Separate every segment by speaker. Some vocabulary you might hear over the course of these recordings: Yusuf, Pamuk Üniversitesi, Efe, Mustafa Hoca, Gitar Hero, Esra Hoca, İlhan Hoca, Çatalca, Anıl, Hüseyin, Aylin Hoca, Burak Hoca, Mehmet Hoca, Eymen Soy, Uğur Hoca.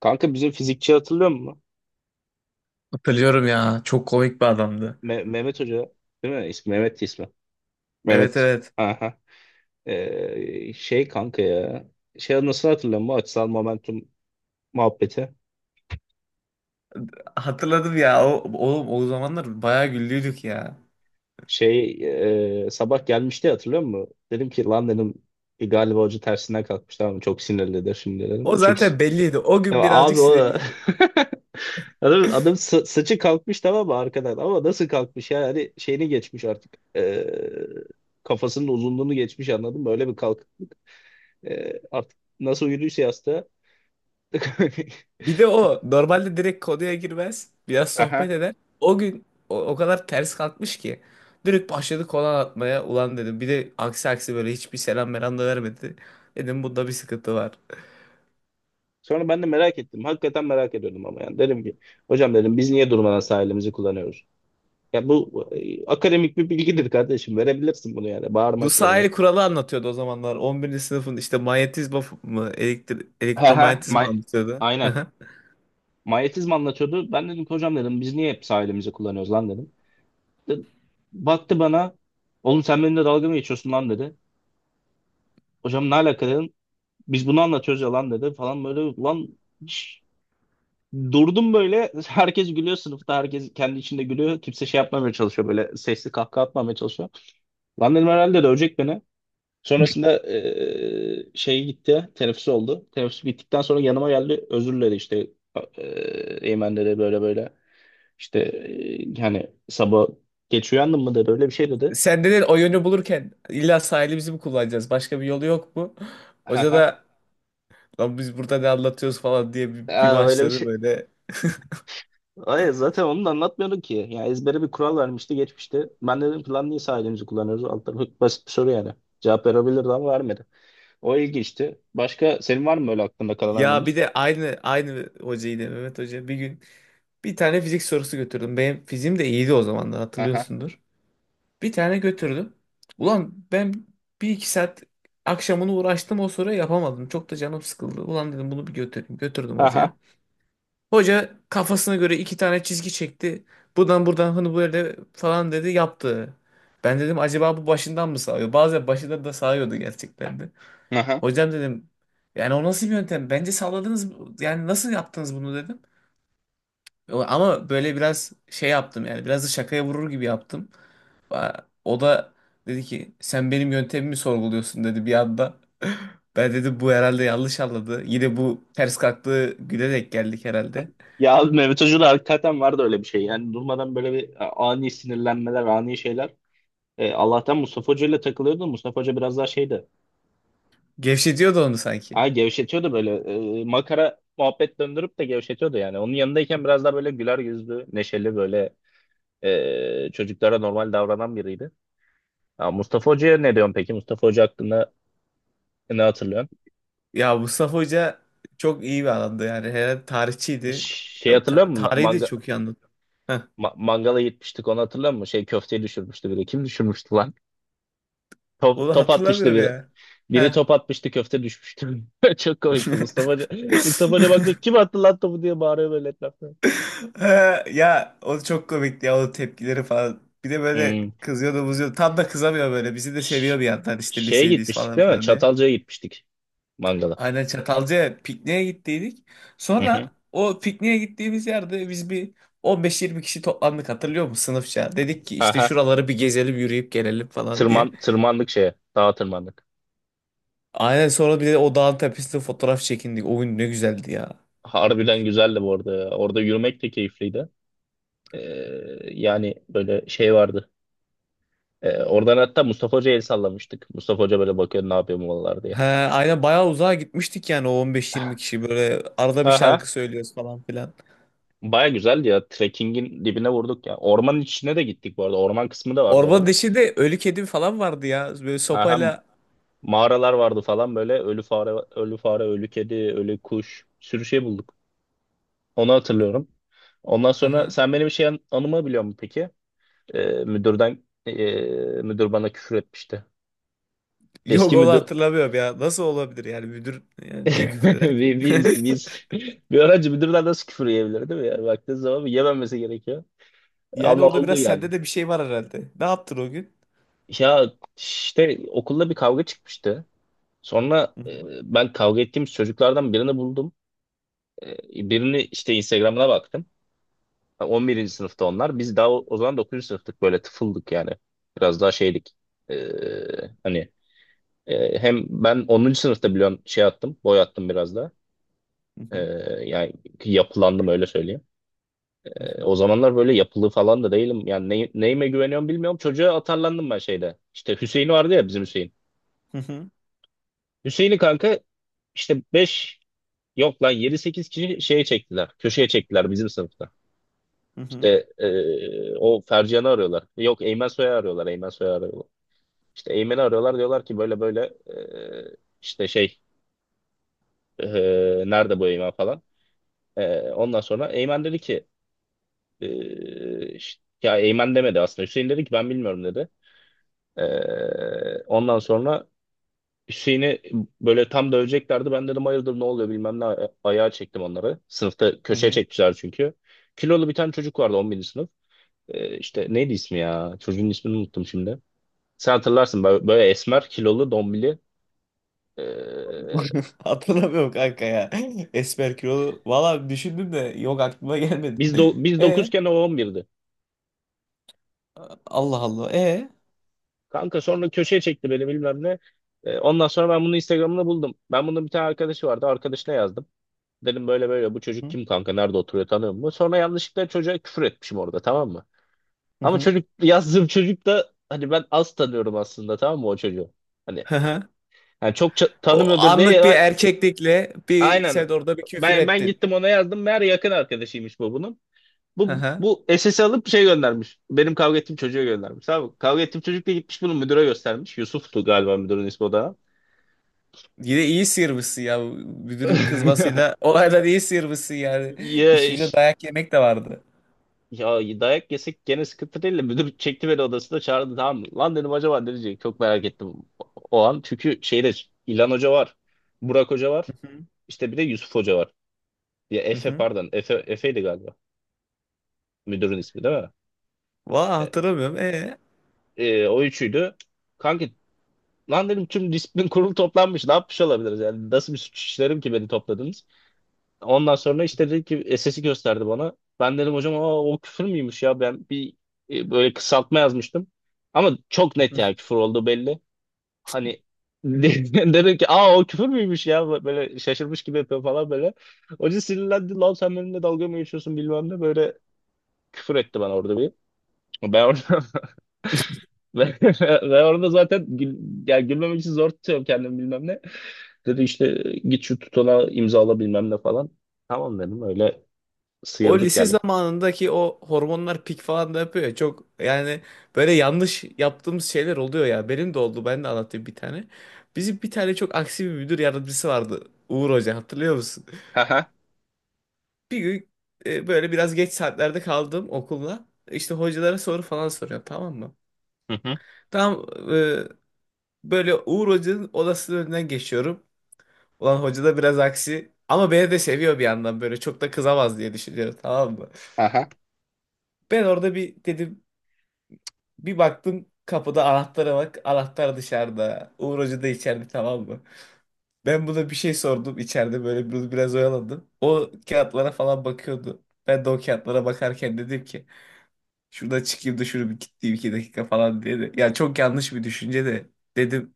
Speaker 1: Kanka bizim fizikçi hatırlıyor musun?
Speaker 2: Hatırlıyorum ya. Çok komik bir adamdı.
Speaker 1: Mehmet Hoca değil mi? İsmi Mehmet'ti ismi.
Speaker 2: Evet
Speaker 1: Mehmet.
Speaker 2: evet.
Speaker 1: Aha. Şey kanka ya. Şey nasıl hatırlıyor musun? Açısal momentum muhabbeti.
Speaker 2: Hatırladım ya. O, oğlum o zamanlar bayağı güldüydük ya.
Speaker 1: Şey sabah gelmişti hatırlıyor musun? Dedim ki lan dedim, "Bir galiba hoca tersinden kalkmış, tamam mı? Çok sinirlidir şimdi," dedim.
Speaker 2: O
Speaker 1: Çünkü
Speaker 2: zaten belliydi. O
Speaker 1: ya
Speaker 2: gün birazcık
Speaker 1: abi o
Speaker 2: sinirliydi.
Speaker 1: adam saçı kalkmış tamam mı arkadan, ama nasıl kalkmış, yani şeyini geçmiş artık. Kafasının uzunluğunu geçmiş, anladın mı? Öyle bir kalk. Artık nasıl uyuduysa yastığa.
Speaker 2: Bir de o normalde direkt konuya girmez. Biraz sohbet
Speaker 1: Aha.
Speaker 2: eder. O gün o kadar ters kalkmış ki. Direkt başladı kolan atmaya. Ulan dedim. Bir de aksi aksi böyle hiçbir selam meram da vermedi. Dedim bunda bir sıkıntı var.
Speaker 1: Sonra ben de merak ettim. Hakikaten merak ediyordum ama yani. Dedim ki hocam dedim biz niye durmadan sahilimizi kullanıyoruz? Ya bu akademik bir bilgidir kardeşim. Verebilirsin bunu yani
Speaker 2: Bu
Speaker 1: bağırmak yerine.
Speaker 2: sahil kuralı anlatıyordu o zamanlar. 11. sınıfın işte manyetizma mı
Speaker 1: He he.
Speaker 2: elektromanyetizma
Speaker 1: May.
Speaker 2: anlatıyordu.
Speaker 1: Aynen. Manyetizma anlatıyordu. Ben dedim ki hocam dedim biz niye hep sahilimizi kullanıyoruz lan dedim. De-. Baktı bana. Oğlum sen benimle dalga mı geçiyorsun lan dedi. Hocam ne alaka dedim. Biz bunu anlatıyoruz ya lan dedi falan böyle lan. Durdum böyle. Herkes gülüyor sınıfta. Herkes kendi içinde gülüyor. Kimse şey yapmamaya çalışıyor. Böyle sesli kahkaha atmamaya çalışıyor. Lan dedim herhalde dövecek beni. Sonrasında şey gitti. Teneffüs oldu. Teneffüs bittikten sonra yanıma geldi. Özür diledi işte. Eymen dedi böyle böyle. İşte yani sabah geç uyandın mı dedi. Öyle bir şey dedi.
Speaker 2: Senden o yönü bulurken illa sahili bizim mi kullanacağız? Başka bir yolu yok mu?
Speaker 1: Ha
Speaker 2: Hoca
Speaker 1: ha.
Speaker 2: da lan biz burada ne anlatıyoruz falan diye bir
Speaker 1: Aa, öyle bir
Speaker 2: başladı
Speaker 1: şey.
Speaker 2: böyle.
Speaker 1: Hayır zaten onu da anlatmıyorduk ki. Yani ezbere bir kural vermişti geçmişte. Ben dedim ki lan niye sağ elimizi kullanıyoruz? Alt tarafı basit bir soru yani. Cevap verebilirdi ama vermedi. O ilginçti. Başka senin var mı öyle aklında kalan
Speaker 2: Ya bir
Speaker 1: anımız?
Speaker 2: de aynı aynı hoca yine Mehmet Hoca bir gün bir tane fizik sorusu götürdüm. Benim fiziğim de iyiydi o zamanlar
Speaker 1: Aha.
Speaker 2: hatırlıyorsundur. Bir tane götürdüm. Ulan ben bir iki saat akşamını uğraştım o soruyu yapamadım. Çok da canım sıkıldı. Ulan dedim bunu bir götüreyim. Götürdüm hocaya.
Speaker 1: Aha.
Speaker 2: Hoca kafasına göre iki tane çizgi çekti. Buradan buradan hani böyle falan dedi yaptı. Ben dedim acaba bu başından mı sağıyor? Bazen başından da sağıyordu gerçekten de.
Speaker 1: Aha.
Speaker 2: Hocam dedim yani o nasıl bir yöntem? Bence sağladınız mı? Yani nasıl yaptınız bunu dedim. Ama böyle biraz şey yaptım yani biraz da şakaya vurur gibi yaptım. O da dedi ki sen benim yöntemimi sorguluyorsun dedi bir anda. Ben dedim bu herhalde yanlış anladı. Yine bu ters kalktığı güne denk geldik herhalde.
Speaker 1: Ya abi Mehmet Hoca'da hakikaten vardı öyle bir şey. Yani durmadan böyle bir ani sinirlenmeler, ani şeyler. Allah'tan Mustafa Hoca ile takılıyordu. Mustafa Hoca biraz daha şeydi.
Speaker 2: Gevşetiyordu onu sanki.
Speaker 1: Ha, gevşetiyordu böyle. Makara muhabbet döndürüp de gevşetiyordu yani. Onun yanındayken biraz daha böyle güler yüzlü, neşeli böyle çocuklara normal davranan biriydi. Ha, Mustafa Hoca'ya ne diyorsun peki? Mustafa Hoca hakkında ne hatırlıyorsun?
Speaker 2: Ya Mustafa Hoca çok iyi bir adamdı yani. Herhalde tarihçiydi.
Speaker 1: Şey
Speaker 2: Ya
Speaker 1: hatırlıyor musun?
Speaker 2: tarihi de
Speaker 1: Manga,
Speaker 2: çok iyi anlatıyor. Heh.
Speaker 1: mangala gitmiştik, onu hatırlıyor musun? Şey köfteyi düşürmüştü biri. Kim düşürmüştü lan? Top,
Speaker 2: Onu
Speaker 1: top atmıştı
Speaker 2: hatırlamıyorum
Speaker 1: biri.
Speaker 2: ya.
Speaker 1: Biri
Speaker 2: Heh.
Speaker 1: top atmıştı köfte düşmüştü. Çok komikti Mustafa Hoca. Mustafa Hoca baktı kim attı lan topu diye bağırıyor böyle etrafta.
Speaker 2: Ha. Ya o çok komikti ya o tepkileri falan. Bir de böyle
Speaker 1: Hmm.
Speaker 2: kızıyordu buzuyordu. Tam da kızamıyor böyle. Bizi de
Speaker 1: Ş-
Speaker 2: seviyor bir yandan işte
Speaker 1: Şeye
Speaker 2: lisedeyiz
Speaker 1: gitmiştik
Speaker 2: falan
Speaker 1: değil mi?
Speaker 2: filan.
Speaker 1: Çatalca'ya gitmiştik mangala.
Speaker 2: Aynen Çatalca'ya pikniğe gittiydik.
Speaker 1: Hı hı.
Speaker 2: Sonra o pikniğe gittiğimiz yerde biz bir 15-20 kişi toplandık hatırlıyor musun sınıfça? Dedik ki işte
Speaker 1: Aha.
Speaker 2: şuraları bir gezelim yürüyüp gelelim falan diye.
Speaker 1: Tırmandık şeye. Dağa tırmandık.
Speaker 2: Aynen sonra bir de o dağın tepesinde fotoğraf çekindik. O gün ne güzeldi ya.
Speaker 1: Harbiden güzeldi bu arada, ya. Orada yürümek de keyifliydi. Ee, Yani böyle şey vardı. Oradan hatta Mustafa Hoca'ya el sallamıştık. Mustafa Hoca böyle bakıyor ne yapıyor bu diye.
Speaker 2: He, aynen bayağı uzağa gitmiştik yani o 15-20 kişi böyle arada bir
Speaker 1: Aha.
Speaker 2: şarkı söylüyoruz falan filan.
Speaker 1: Baya güzeldi ya. Trekkingin dibine vurduk ya. Ormanın içine de gittik bu arada. Orman kısmı da vardı
Speaker 2: Ormanın
Speaker 1: oranın.
Speaker 2: içinde ölü kedi falan vardı ya böyle
Speaker 1: Aha.
Speaker 2: sopayla.
Speaker 1: Mağaralar vardı falan böyle. Ölü fare, ölü kedi, ölü kuş. Bir sürü şey bulduk. Onu hatırlıyorum. Ondan sonra sen benim şey anımı biliyor musun peki? Ee, müdürden ee, Müdür bana küfür etmişti.
Speaker 2: Yok
Speaker 1: Eski
Speaker 2: onu
Speaker 1: müdür.
Speaker 2: hatırlamıyorum ya. Nasıl olabilir yani müdür yani niye küfreder ki?
Speaker 1: biz, biz, biz bir öğrenci, müdürler nasıl küfür yiyebilir değil mi? Yani baktığın zaman yememesi gerekiyor.
Speaker 2: Yani
Speaker 1: Ama
Speaker 2: orada
Speaker 1: oldu
Speaker 2: biraz
Speaker 1: yani.
Speaker 2: sende de bir şey var herhalde. Ne yaptın o gün?
Speaker 1: Ya işte okulda bir kavga çıkmıştı. Sonra
Speaker 2: Hı hı,
Speaker 1: ben kavga ettiğim çocuklardan birini buldum. Birini işte Instagram'ına baktım. On birinci sınıfta onlar. Biz daha o zaman dokuzuncu sınıftık, böyle tıfıldık yani. Biraz daha şeydik. E, hani Hem ben onuncu sınıfta biliyorum şey attım. Boy attım biraz da.
Speaker 2: hı
Speaker 1: E,
Speaker 2: hı,
Speaker 1: Yani yapılandım öyle söyleyeyim.
Speaker 2: hı hı,
Speaker 1: O zamanlar böyle yapılı falan da değilim. Yani neyime güveniyorum bilmiyorum. Çocuğa atarlandım ben şeyde. İşte Hüseyin vardı ya bizim Hüseyin. Hüseyin'i kanka işte beş, yok lan yedi sekiz kişi şeye çektiler. Köşeye çektiler bizim sınıfta.
Speaker 2: hı hı,
Speaker 1: İşte o Fercihan'ı arıyorlar. Yok Eymen Soy'u arıyorlar. İşte Eymen'i arıyorlar, diyorlar ki böyle böyle, işte şey e, nerede bu Eymen falan. Ondan sonra Eymen dedi ki ya Eymen demedi aslında. Hüseyin dedi ki ben bilmiyorum dedi. Ondan sonra Hüseyin'i böyle tam döveceklerdi. Ben dedim hayırdır ne oluyor bilmem ne. Ayağa çektim onları. Sınıfta
Speaker 2: hı
Speaker 1: köşeye
Speaker 2: hı.
Speaker 1: çekmişler çünkü. Kilolu bir tane çocuk vardı on birinci sınıf. İşte neydi ismi ya? Çocuğun ismini unuttum şimdi. Sen hatırlarsın böyle, böyle esmer, kilolu, dombili. Ee,
Speaker 2: Hatırlamıyorum kanka ya. Esmer kilolu. Valla düşündüm de yok aklıma gelmedi.
Speaker 1: Biz
Speaker 2: E
Speaker 1: 9'ken o 11'di.
Speaker 2: Allah Allah. E.
Speaker 1: Kanka sonra köşeye çekti beni bilmem ne. Ondan sonra ben bunu Instagram'da buldum. Ben bunun bir tane arkadaşı vardı. Arkadaşına yazdım. Dedim böyle böyle bu çocuk
Speaker 2: Hı
Speaker 1: kim kanka, nerede oturuyor, tanıyor mu? Sonra yanlışlıkla çocuğa küfür etmişim orada tamam mı?
Speaker 2: hı.
Speaker 1: Ama
Speaker 2: Hı.
Speaker 1: çocuk yazdığım çocuk da hani ben az tanıyorum aslında tamam mı o çocuğu? Hani
Speaker 2: Hı hı.
Speaker 1: yani çok
Speaker 2: O
Speaker 1: tanımıyordur diye
Speaker 2: anlık bir
Speaker 1: ya-.
Speaker 2: erkeklikle bir
Speaker 1: Aynen,
Speaker 2: sen orada bir küfür
Speaker 1: ben
Speaker 2: ettin.
Speaker 1: gittim ona yazdım meğer yakın arkadaşıymış bunun.
Speaker 2: Hı
Speaker 1: Bu
Speaker 2: hı.
Speaker 1: bu SS'i alıp şey göndermiş. Benim kavga ettiğim çocuğa göndermiş. Tamam mı? Kavga ettiğim çocuk da gitmiş bunu müdüre göstermiş. Yusuf'tu galiba müdürün ismi o da.
Speaker 2: Yine iyi sıyırmışsın ya. Müdürün kızmasıyla olaydan iyi sıyırmışsın yani.
Speaker 1: Ya,
Speaker 2: İşin ucunda dayak yemek de vardı.
Speaker 1: ya dayak yesek gene sıkıntı değil de müdür çekti beni odasına çağırdı tamam mı? Lan dedim acaba ne diyecek? Çok merak ettim o an. Çünkü şeyde İlhan Hoca var. Burak Hoca var.
Speaker 2: Hı hı.
Speaker 1: İşte bir de Yusuf Hoca var. Ya
Speaker 2: Hı
Speaker 1: Efe
Speaker 2: hı.
Speaker 1: pardon. Efe'ydi galiba. Müdürün ismi değil mi?
Speaker 2: Valla
Speaker 1: E,
Speaker 2: hatırlamıyorum. E.
Speaker 1: O üçüydü. Kanki lan dedim tüm disiplin kurulu toplanmış. Ne yapmış olabiliriz? Yani nasıl bir suç işlerim ki beni topladınız? Ondan sonra işte dedi ki sesi gösterdi bana. Ben dedim hocam aa, o küfür müymüş ya ben bir böyle kısaltma yazmıştım. Ama çok net
Speaker 2: Hı.
Speaker 1: yani küfür olduğu belli. Hani dedim ki aa o küfür müymüş ya, böyle şaşırmış gibi yapıyor falan böyle. Hoca sinirlendi, lan sen benimle dalga mı geçiyorsun bilmem ne böyle, küfür etti bana orada bir. Ben orada ben ben orada zaten yani gülmemek için zor tutuyorum kendimi bilmem ne. Dedi işte git şu tutana imzala bilmem ne falan. Tamam dedim, öyle
Speaker 2: O
Speaker 1: sıyırdık
Speaker 2: lise
Speaker 1: yani.
Speaker 2: zamanındaki o hormonlar pik falan da yapıyor ya çok yani böyle yanlış yaptığımız şeyler oluyor ya benim de oldu ben de anlatayım bir tane. Bizim bir tane çok aksi bir müdür yardımcısı vardı Uğur Hoca hatırlıyor musun?
Speaker 1: Aha.
Speaker 2: Bir gün böyle biraz geç saatlerde kaldım okulda işte hocalara soru falan soruyor tamam mı?
Speaker 1: Hı hı.
Speaker 2: Tam e, böyle Uğur Hoca'nın odasının önünden geçiyorum. Ulan hoca da biraz aksi ama beni de seviyor bir yandan böyle çok da kızamaz diye düşünüyorum tamam mı?
Speaker 1: Aha.
Speaker 2: Ben orada bir dedim. Bir baktım kapıda anahtara bak. Anahtar dışarıda. Uğur Hoca da içeride tamam mı? Ben buna bir şey sordum içeride böyle biraz oyaladım. O kağıtlara falan bakıyordu. Ben de o kağıtlara bakarken dedim ki şuradan çıkayım da şunu bir gideyim 2 dakika falan diye de. Yani çok yanlış bir düşünce de dedim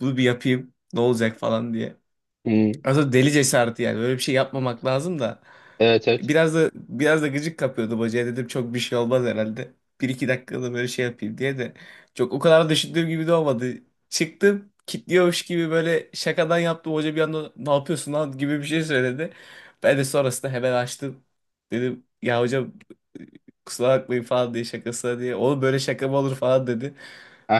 Speaker 2: bunu bir yapayım ne olacak falan diye.
Speaker 1: Hmm.
Speaker 2: Aslında deli cesareti yani. Böyle bir şey yapmamak lazım da.
Speaker 1: Evet evet.
Speaker 2: Biraz da gıcık kapıyordu bacaya. Dedim çok bir şey olmaz herhalde. Bir iki dakikada böyle şey yapayım diye de. Çok o kadar düşündüğüm gibi de olmadı. Çıktım. Kitliyormuş gibi böyle şakadan yaptım. Hoca bir anda ne yapıyorsun lan gibi bir şey söyledi. Ben de sonrasında hemen açtım. Dedim ya hocam kusura bakmayın falan diye şakasına diye. Oğlum böyle şaka mı olur falan dedi.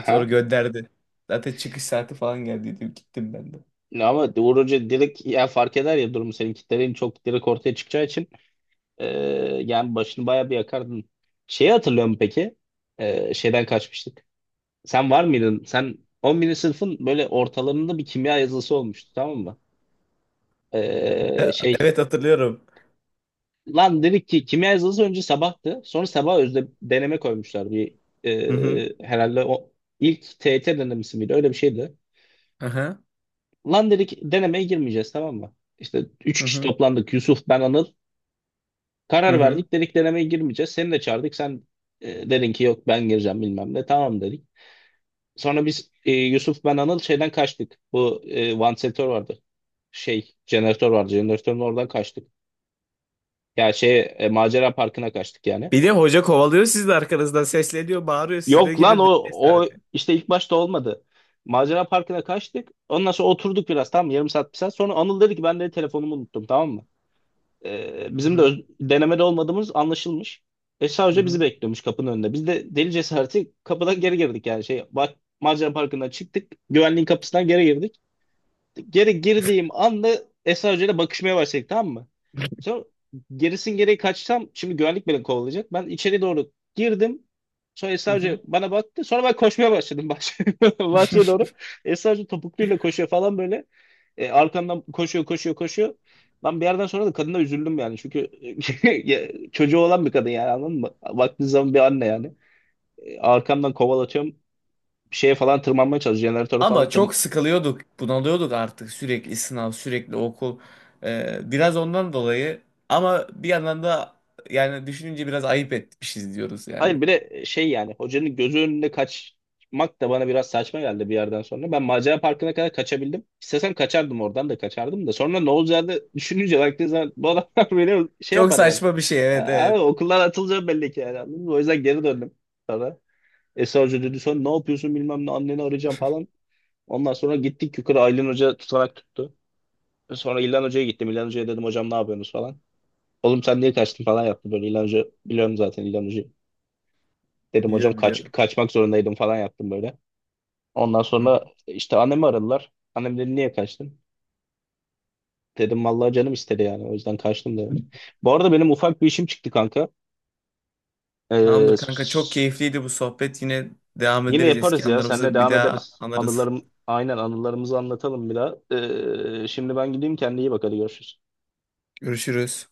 Speaker 2: Sonra gönderdi. Zaten çıkış saati falan geldi. Dedim gittim ben de.
Speaker 1: Ya ama Uğur Hoca direkt ya fark eder ya durumu, senin kitlerin çok direkt ortaya çıkacağı için e, yani başını bayağı bir yakardın. Şeyi hatırlıyor musun peki? Şeyden kaçmıştık. Sen var mıydın? Sen 11. sınıfın böyle ortalarında bir kimya yazılısı olmuştu tamam mı? Şey
Speaker 2: Evet hatırlıyorum.
Speaker 1: lan dedik ki kimya yazılısı önce sabahtı. Sonra sabah özde deneme koymuşlar.
Speaker 2: Hı hı.
Speaker 1: Herhalde o ilk TYT denemesi miydi? Öyle bir şeydi.
Speaker 2: Aha.
Speaker 1: Lan dedik denemeye girmeyeceğiz tamam mı? İşte üç
Speaker 2: Hı
Speaker 1: kişi
Speaker 2: hı.
Speaker 1: toplandık, Yusuf, ben, Anıl.
Speaker 2: Hı
Speaker 1: Karar
Speaker 2: hı.
Speaker 1: verdik, dedik denemeye girmeyeceğiz. Seni de çağırdık, sen dedin ki yok ben gireceğim bilmem ne, tamam dedik. Sonra biz Yusuf, ben, Anıl şeyden kaçtık. Bu e, vantilatör vardı. Şey jeneratör vardı, jeneratörün oradan kaçtık. Ya şey macera parkına kaçtık yani.
Speaker 2: Bir de hoca kovalıyor siz de arkanızdan sesleniyor, bağırıyor.
Speaker 1: Yok
Speaker 2: Sizdeki
Speaker 1: lan
Speaker 2: de
Speaker 1: o
Speaker 2: cesareti.
Speaker 1: işte ilk başta olmadı. Macera parkına kaçtık. Ondan sonra oturduk biraz tamam mı? Yarım saat, bir saat. Sonra Anıl dedi ki ben de telefonumu unuttum tamam mı?
Speaker 2: Hı
Speaker 1: Bizim de
Speaker 2: hı.
Speaker 1: denemede olmadığımız anlaşılmış. E
Speaker 2: Hı
Speaker 1: sadece bizi
Speaker 2: hı.
Speaker 1: bekliyormuş kapının önünde. Biz de deli cesareti kapıdan geri girdik yani şey bak Macar Parkı'ndan çıktık. Güvenliğin kapısından geri girdik. Geri girdiğim anda Esra Hoca ile bakışmaya başladık tamam mı? Sonra gerisin geriye kaçsam şimdi güvenlik beni kovalayacak. Ben içeri doğru girdim. Sonra
Speaker 2: Hı
Speaker 1: Esra
Speaker 2: hı.
Speaker 1: Hoca bana baktı. Sonra ben koşmaya başladım bahçeye doğru. Esra Hoca topukluyla koşuyor falan böyle. Arkandan koşuyor. Ben bir yerden sonra da kadına üzüldüm yani. Çünkü ya, çocuğu olan bir kadın yani anladın mı? Baktığın zaman bir anne yani. Arkamdan kovalatıyorum. Bir şeye falan tırmanmaya çalışıyor. Jeneratöre falan
Speaker 2: Ama
Speaker 1: tırm.
Speaker 2: çok sıkılıyorduk, bunalıyorduk artık sürekli sınav, sürekli okul. Biraz ondan dolayı ama bir yandan da yani düşününce biraz ayıp etmişiz diyoruz yani.
Speaker 1: Hayır bir de şey yani hocanın gözü önünde kaçmak da bana biraz saçma geldi bir yerden sonra. Ben macera parkına kadar kaçabildim. İstesem kaçardım oradan da kaçardım da. Sonra ne olacağını düşününce baktığın zaman bu adamlar beni şey
Speaker 2: Çok
Speaker 1: yapar yani.
Speaker 2: saçma bir şey evet
Speaker 1: Abi,
Speaker 2: evet.
Speaker 1: okuldan atılacağım belli ki yani, anladın mı? O yüzden geri döndüm sonra. Esra Hoca dedi sonra ne yapıyorsun bilmem ne anneni arayacağım falan. Ondan sonra gittik yukarı, Aylin Hoca tutanak tuttu. Sonra İlhan Hoca'ya gittim. İlhan Hoca'ya dedim hocam ne yapıyorsunuz falan. Oğlum sen niye kaçtın falan yaptı böyle. İlhan Hoca biliyorum zaten İlhan Hoca'yı. Dedim hocam
Speaker 2: Biliyorum biliyorum.
Speaker 1: kaçmak zorundaydım falan yaptım böyle. Ondan
Speaker 2: Hı hı.
Speaker 1: sonra işte annemi aradılar. Annem dedi niye kaçtın? Dedim vallahi canım istedi yani o yüzden kaçtım dedim. Bu arada benim ufak bir işim çıktı kanka. Ee,
Speaker 2: Tamamdır kanka çok keyifliydi bu sohbet. Yine devam
Speaker 1: Yine
Speaker 2: ederiz
Speaker 1: yaparız
Speaker 2: eski
Speaker 1: ya. Seninle
Speaker 2: anılarımızı bir
Speaker 1: devam
Speaker 2: daha
Speaker 1: ederiz.
Speaker 2: anarız.
Speaker 1: Aynen anılarımızı anlatalım bir daha. Şimdi ben gideyim. Kendine iyi bak. Hadi görüşürüz.
Speaker 2: Görüşürüz.